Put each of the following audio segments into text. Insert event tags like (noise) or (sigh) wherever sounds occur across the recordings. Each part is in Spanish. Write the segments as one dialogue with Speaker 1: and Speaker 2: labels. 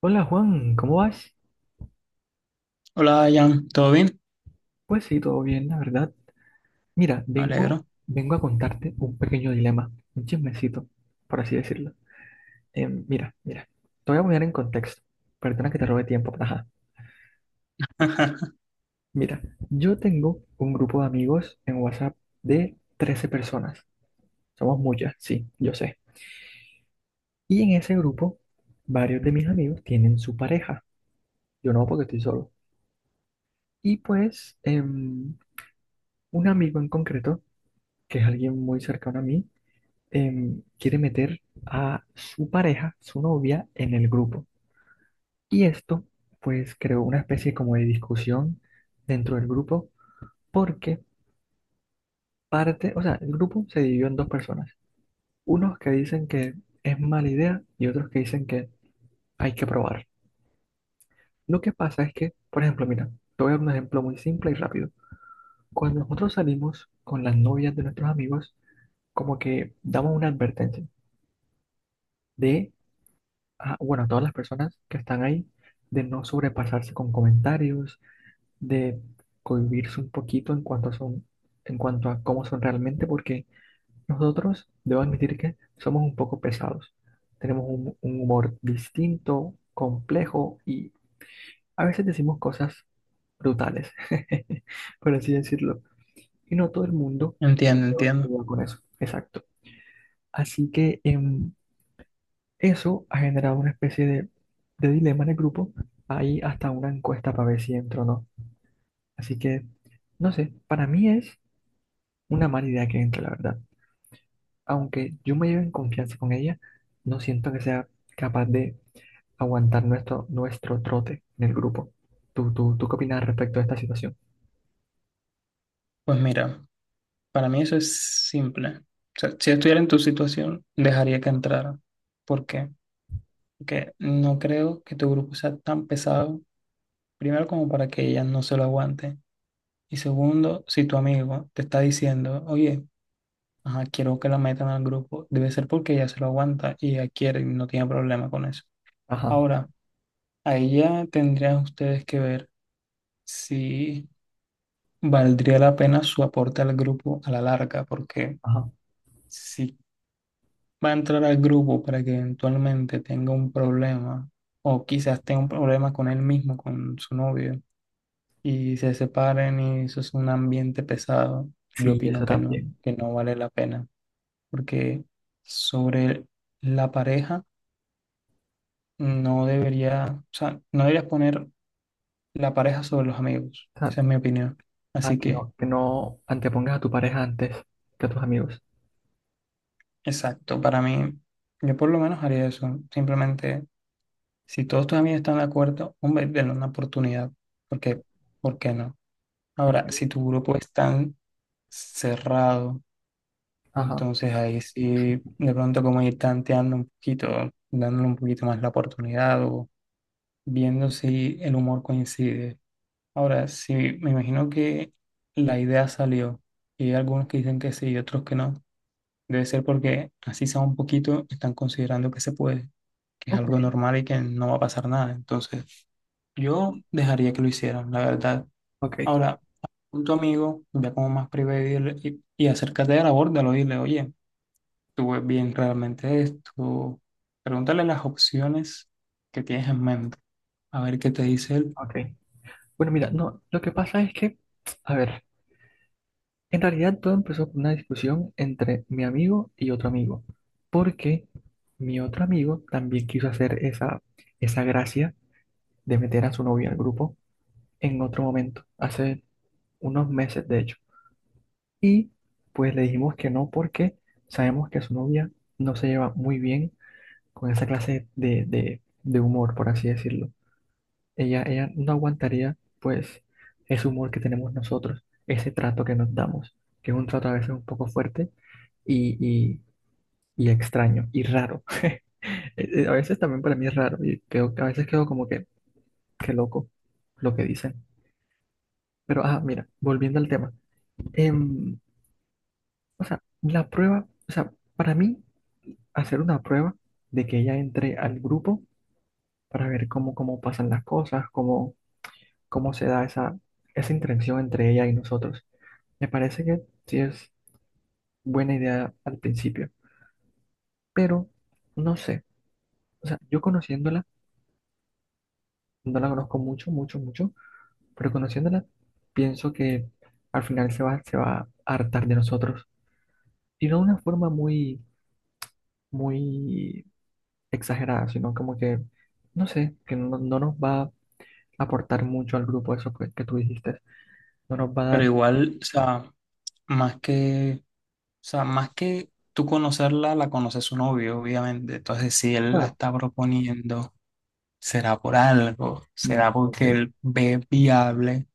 Speaker 1: Hola, Juan, ¿cómo vas?
Speaker 2: Hola, Jan, ¿todo bien?
Speaker 1: Pues sí, todo bien, la verdad. Mira,
Speaker 2: Me
Speaker 1: vengo,
Speaker 2: alegro.
Speaker 1: vengo a contarte un pequeño dilema, un chismecito, por así decirlo. Mira, mira, te voy a poner en contexto. Perdona que te robe tiempo, pero ajá.
Speaker 2: (laughs)
Speaker 1: Mira, yo tengo un grupo de amigos en WhatsApp de 13 personas. Somos muchas, sí, yo sé. Y en ese grupo, varios de mis amigos tienen su pareja. Yo no, porque estoy solo. Y pues, un amigo en concreto, que es alguien muy cercano a mí, quiere meter a su pareja, su novia, en el grupo. Y esto, pues, creó una especie como de discusión dentro del grupo, porque o sea, el grupo se dividió en dos personas. Unos que dicen que es mala idea y otros que dicen que hay que probar. Lo que pasa es que, por ejemplo, mira, te voy a dar un ejemplo muy simple y rápido. Cuando nosotros salimos con las novias de nuestros amigos, como que damos una advertencia de bueno, a todas las personas que están ahí, de no sobrepasarse con comentarios, de cohibirse un poquito en cuanto a son, en cuanto a cómo son realmente, porque nosotros, debo admitir que somos un poco pesados. Tenemos un humor distinto, complejo, y a veces decimos cosas brutales, (laughs) por así decirlo. Y no todo el mundo se
Speaker 2: Entiendo,
Speaker 1: lleva, se
Speaker 2: entiendo.
Speaker 1: lleva con eso. Exacto. Así que, eso ha generado una especie de dilema en el grupo. Hay hasta una encuesta para ver si entro o no. Así que, no sé, para mí es una mala idea que entre, la verdad. Aunque yo me lleve en confianza con ella, no siento que sea capaz de aguantar nuestro trote en el grupo. ¿Tú qué opinas respecto a esta situación?
Speaker 2: Pues mira, para mí eso es simple. O sea, si yo estuviera en tu situación, dejaría que entrara. ¿Por qué? Porque no creo que tu grupo sea tan pesado, primero como para que ella no se lo aguante. Y segundo, si tu amigo te está diciendo, oye, ajá, quiero que la metan al grupo, debe ser porque ella se lo aguanta y ella quiere y no tiene problema con eso.
Speaker 1: Ajá,
Speaker 2: Ahora, ahí ya tendrían ustedes que ver si valdría la pena su aporte al grupo a la larga, porque
Speaker 1: ajá.
Speaker 2: si va a entrar al grupo para que eventualmente tenga un problema, o quizás tenga un problema con él mismo, con su novio, y se separen y eso es un ambiente pesado, yo
Speaker 1: Sí,
Speaker 2: opino
Speaker 1: eso también.
Speaker 2: que no vale la pena, porque sobre la pareja no debería, o sea, no deberías poner la pareja sobre los amigos,
Speaker 1: O sea,
Speaker 2: esa es mi opinión.
Speaker 1: ah,
Speaker 2: Así
Speaker 1: que
Speaker 2: que...
Speaker 1: no, que no antepongas a tu pareja antes que a tus amigos.
Speaker 2: Exacto, para mí, yo por lo menos haría eso. Simplemente, si todos tus amigos están de acuerdo, hombre, denle una oportunidad, porque, ¿por qué no?
Speaker 1: Ok.
Speaker 2: Ahora, si tu grupo es tan cerrado,
Speaker 1: Ajá.
Speaker 2: entonces ahí sí, de pronto como ir tanteando un poquito, dándole un poquito más la oportunidad o viendo si el humor coincide. Ahora, si me imagino que la idea salió y hay algunos que dicen que sí y otros que no, debe ser porque así sea un poquito, están considerando que se puede. Que es
Speaker 1: Ok.
Speaker 2: algo normal y que no va a pasar nada. Entonces, yo
Speaker 1: Sí.
Speaker 2: dejaría que lo hicieran, la verdad.
Speaker 1: Ok.
Speaker 2: Ahora, con tu amigo, ya como más privado, y acércate a la borda, lo dile, oye, tú ves bien realmente esto. Pregúntale las opciones que tienes en mente, a ver qué te dice él.
Speaker 1: Ok. Bueno, mira, no, lo que pasa es que, a ver, en realidad todo empezó por una discusión entre mi amigo y otro amigo, porque mi otro amigo también quiso hacer esa gracia de meter a su novia al grupo en otro momento, hace unos meses de hecho. Y pues le dijimos que no porque sabemos que su novia no se lleva muy bien con esa clase de humor, por así decirlo. Ella no aguantaría, pues, ese humor que tenemos nosotros, ese trato que nos damos, que es un trato a veces un poco fuerte y, y- y extraño y raro. (laughs) A veces también para mí es raro y creo que a veces quedo como que, qué loco lo que dicen. Pero, ah, mira, volviendo al tema. Em, o sea, la prueba, o sea, para mí, hacer una prueba de que ella entre al grupo para ver cómo pasan las cosas, cómo se da esa interacción entre ella y nosotros. Me parece que sí es buena idea al principio, pero no sé. O sea, yo conociéndola, no la conozco mucho, mucho, mucho, pero conociéndola, pienso que al final se va a hartar de nosotros. Y no de una forma muy, muy exagerada, sino como que, no sé, que no nos va a aportar mucho al grupo eso que tú dijiste. No nos va a
Speaker 2: Pero
Speaker 1: dar...
Speaker 2: igual, o sea, o sea, más que tú conocerla, la conoce su novio, obviamente. Entonces, si él la
Speaker 1: Claro.
Speaker 2: está proponiendo, será por algo,
Speaker 1: Mm,
Speaker 2: será
Speaker 1: ok.
Speaker 2: porque él ve viable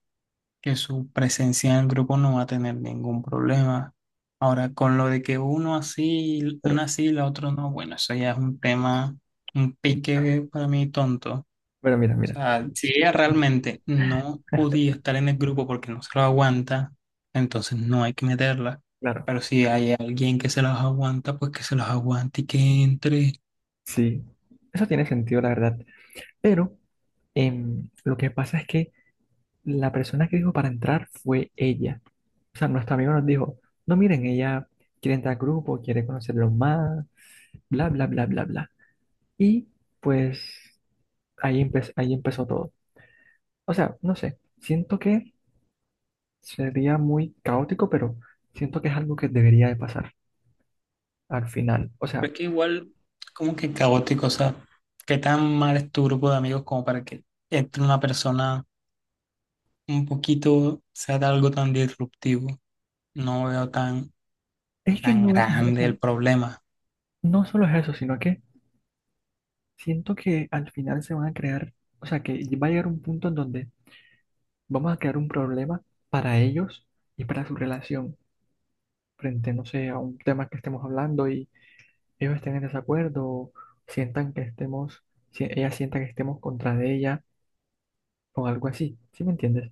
Speaker 2: que su presencia en el grupo no va a tener ningún problema. Ahora, con lo de que uno así,
Speaker 1: Pero,
Speaker 2: una sí y la otra no, bueno, eso ya es un tema, un pique para mí tonto. O
Speaker 1: pero mira, mira.
Speaker 2: sea, si ella
Speaker 1: (laughs)
Speaker 2: realmente no podía estar en el grupo porque no se lo aguanta, entonces no hay que meterla.
Speaker 1: Claro,
Speaker 2: Pero si hay alguien que se los aguanta, pues que se los aguante y que entre.
Speaker 1: sí. Eso tiene sentido, la verdad. Pero... lo que pasa es que la persona que dijo para entrar fue ella. O sea, nuestro amigo nos dijo, no miren, ella quiere entrar al grupo, quiere conocerlo más, bla, bla, bla, bla, bla. Y pues ahí, ahí empezó todo. O sea, no sé, siento que sería muy caótico, pero siento que es algo que debería de pasar al final. O sea,
Speaker 2: Pero es que igual, como que caótico, o sea, qué tan mal es tu grupo de amigos como para que entre una persona un poquito sea de algo tan disruptivo. No veo tan,
Speaker 1: es que
Speaker 2: tan
Speaker 1: o
Speaker 2: grande
Speaker 1: sea,
Speaker 2: el problema.
Speaker 1: no solo es eso, sino que siento que al final se van a crear, o sea, que va a llegar un punto en donde vamos a crear un problema para ellos y para su relación frente, no sé, a un tema que estemos hablando y ellos estén en desacuerdo o sientan que estemos, si ella sienta que estemos contra de ella o algo así. ¿Sí me entiendes?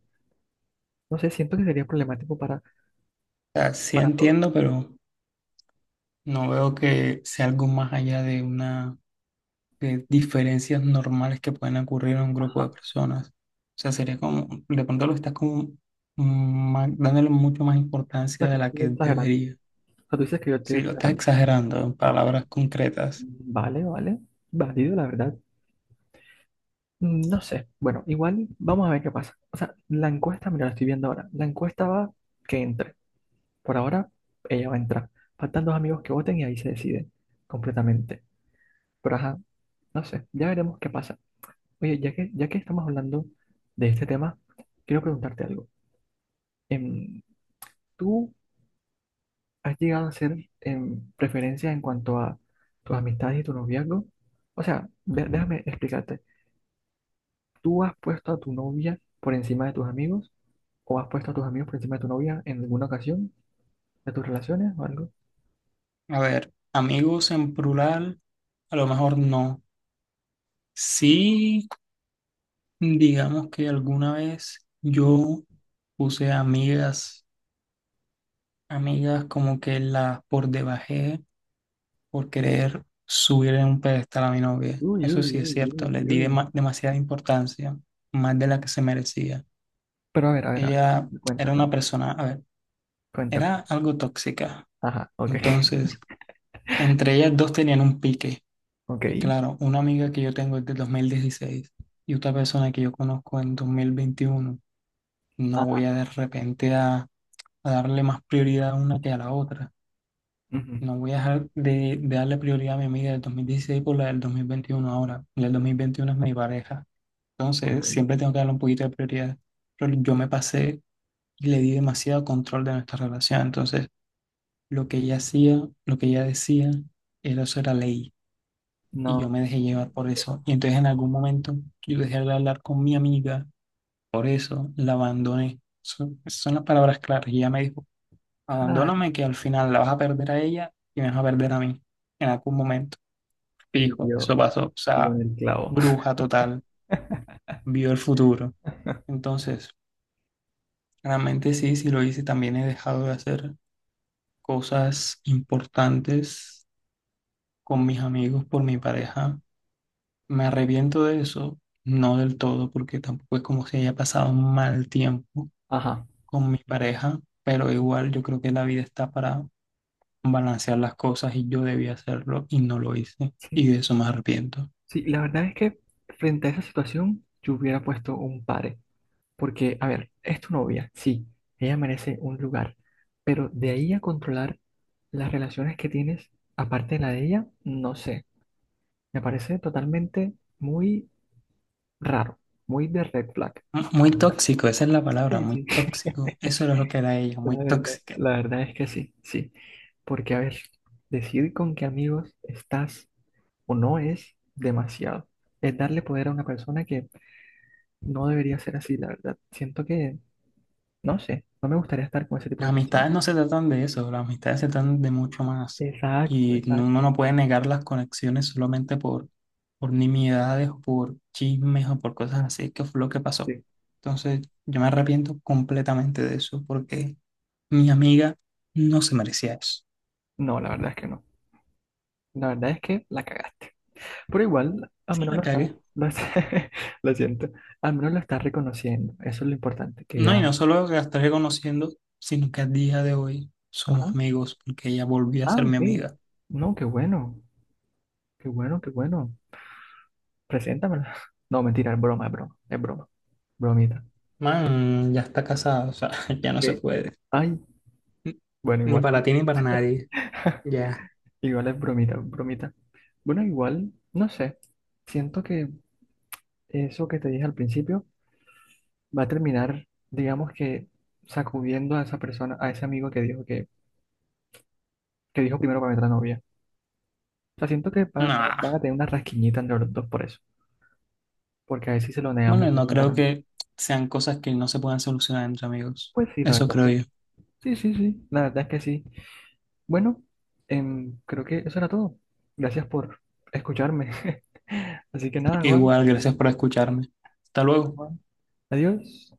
Speaker 1: No sé, siento que sería problemático
Speaker 2: O sea, sí
Speaker 1: para todos.
Speaker 2: entiendo, pero no veo que sea algo más allá de una de diferencias normales que pueden ocurrir en un grupo de
Speaker 1: Ajá.
Speaker 2: personas. O sea, sería como, de pronto lo estás como dándole mucho más
Speaker 1: O sea,
Speaker 2: importancia
Speaker 1: que
Speaker 2: de
Speaker 1: no
Speaker 2: la
Speaker 1: estoy
Speaker 2: que
Speaker 1: exagerando.
Speaker 2: debería.
Speaker 1: O sea, tú dices que yo estoy
Speaker 2: Sí, lo estás
Speaker 1: exagerando.
Speaker 2: exagerando en
Speaker 1: Ok.
Speaker 2: palabras concretas.
Speaker 1: Vale, vale. Válido, la verdad. Mm, no sé. Bueno, igual vamos a ver qué pasa. O sea, la encuesta, mira, la estoy viendo ahora. La encuesta va que entre. Por ahora, ella va a entrar. Faltan dos amigos que voten y ahí se decide completamente. Pero ajá, no sé, ya veremos qué pasa. Oye, ya que estamos hablando de este tema, quiero preguntarte algo. Em, ¿Tú has llegado a hacer preferencias en cuanto a tus amistades y tu noviazgo? O sea, déjame explicarte. ¿Tú has puesto a tu novia por encima de tus amigos? ¿O has puesto a tus amigos por encima de tu novia en alguna ocasión de tus relaciones o algo?
Speaker 2: A ver, amigos en plural, a lo mejor no. Sí. Digamos que alguna vez yo puse amigas, amigas como que las por debajé por querer subir en un pedestal a mi novia.
Speaker 1: Uy,
Speaker 2: Eso sí
Speaker 1: uy,
Speaker 2: es
Speaker 1: uy,
Speaker 2: cierto, les
Speaker 1: uy,
Speaker 2: di
Speaker 1: uy.
Speaker 2: demasiada importancia, más de la que se merecía.
Speaker 1: Pero a ver, a ver, a ver,
Speaker 2: Ella
Speaker 1: cuenta, cuenta,
Speaker 2: era una
Speaker 1: cuenta,
Speaker 2: persona, a ver,
Speaker 1: cuenta.
Speaker 2: era algo tóxica.
Speaker 1: Ajá, ok,
Speaker 2: Entonces, entre ellas dos tenían un pique.
Speaker 1: (laughs) ok.
Speaker 2: Y claro, una amiga que yo tengo es de 2016 y otra persona que yo conozco en 2021. No voy
Speaker 1: Ajá,
Speaker 2: a de repente a darle más prioridad a una que a la otra.
Speaker 1: ujú,
Speaker 2: No voy a dejar de darle prioridad a mi amiga del 2016 por la del 2021 ahora. La del 2021 es mi pareja.
Speaker 1: ok.
Speaker 2: Entonces, siempre tengo que darle un poquito de prioridad. Pero yo me pasé y le di demasiado control de nuestra relación. Entonces, lo que ella hacía, lo que ella decía, eso era ley. Y yo
Speaker 1: No.
Speaker 2: me dejé llevar por eso. Y entonces en algún momento yo dejé de hablar con mi amiga. Por eso la abandoné. Son las palabras claras. Y ella me dijo,
Speaker 1: Ay,
Speaker 2: abandóname que al final la vas a perder a ella y me vas a perder a mí en algún momento.
Speaker 1: y
Speaker 2: Fijo, eso
Speaker 1: dio,
Speaker 2: pasó. O
Speaker 1: dio
Speaker 2: sea,
Speaker 1: en el clavo.
Speaker 2: bruja total,
Speaker 1: (laughs)
Speaker 2: vio el futuro. Entonces, realmente sí, sí lo hice. También he dejado de hacer cosas importantes con mis amigos por mi
Speaker 1: Ok,
Speaker 2: pareja. Me arrepiento de eso, no del todo, porque tampoco es como si haya pasado un mal tiempo
Speaker 1: ajá,
Speaker 2: con mi pareja, pero igual yo creo que la vida está para balancear las cosas y yo debía hacerlo y no lo hice.
Speaker 1: sí.
Speaker 2: Y de eso me arrepiento.
Speaker 1: Sí, la verdad es que frente a esa situación yo hubiera puesto un pare. Porque, a ver, es tu novia, sí, ella merece un lugar. Pero de ahí a controlar las relaciones que tienes, aparte de la de ella, no sé. Me parece totalmente muy raro, muy de red flag. La
Speaker 2: Muy
Speaker 1: verdad.
Speaker 2: tóxico, esa es la palabra,
Speaker 1: Sí,
Speaker 2: muy
Speaker 1: sí,
Speaker 2: tóxico. Eso era lo que era ella, muy
Speaker 1: la verdad,
Speaker 2: tóxica.
Speaker 1: la verdad es que sí, sí. Porque, a ver, decir con qué amigos estás o no es demasiado. Es darle poder a una persona que no debería ser así, la verdad. Siento que, no sé, no me gustaría estar con ese tipo
Speaker 2: Las
Speaker 1: de personas.
Speaker 2: amistades no se tratan de eso, las amistades se tratan de mucho más.
Speaker 1: Exacto,
Speaker 2: Uno
Speaker 1: exacto.
Speaker 2: no puede negar las conexiones solamente por nimiedades o por chismes o por cosas así, que fue lo que pasó.
Speaker 1: Sí.
Speaker 2: Entonces, yo me arrepiento completamente de eso porque mi amiga no se merecía eso.
Speaker 1: No, la verdad es que no. La verdad es que la cagaste. Pero igual, al
Speaker 2: Sí,
Speaker 1: menos
Speaker 2: me cagué.
Speaker 1: (laughs) lo siento, al menos lo estás reconociendo. Eso es lo importante, que
Speaker 2: No,
Speaker 1: ya...
Speaker 2: y no solo que la estaré conociendo, sino que a día de hoy somos
Speaker 1: Ajá.
Speaker 2: amigos porque ella volvió a
Speaker 1: Ah,
Speaker 2: ser mi
Speaker 1: ok.
Speaker 2: amiga.
Speaker 1: No, qué bueno, qué bueno, qué bueno. Preséntamela. (laughs) No, mentira, es broma, es broma, es broma. Bromita.
Speaker 2: Man, ya está casada, o sea, (laughs) ya no se
Speaker 1: ¿Qué?
Speaker 2: puede.
Speaker 1: Ay,
Speaker 2: N-
Speaker 1: bueno,
Speaker 2: Ni
Speaker 1: igual,
Speaker 2: para ti ni para nadie. Ya.
Speaker 1: igual es bromita, bromita. Bueno, igual, no sé. Siento que eso que te dije al principio va a terminar, digamos que sacudiendo a esa persona, a ese amigo que dijo que dijo primero para meter a novia. O sea, siento que van a, van
Speaker 2: Nah.
Speaker 1: a tener una rasquiñita entre los dos por eso. Porque a ver si se lo
Speaker 2: Bueno,
Speaker 1: negamos
Speaker 2: no creo
Speaker 1: rotundamente.
Speaker 2: que sean cosas que no se puedan solucionar entre amigos.
Speaker 1: Pues sí, la
Speaker 2: Eso
Speaker 1: verdad
Speaker 2: creo
Speaker 1: es que
Speaker 2: yo.
Speaker 1: sí, sí, sí. Sí. La verdad es que sí. Bueno, creo que eso era todo. Gracias por escucharme. (laughs) Así que nada, Juan.
Speaker 2: Igual, gracias por escucharme. Hasta
Speaker 1: Nada,
Speaker 2: luego.
Speaker 1: Juan. Adiós.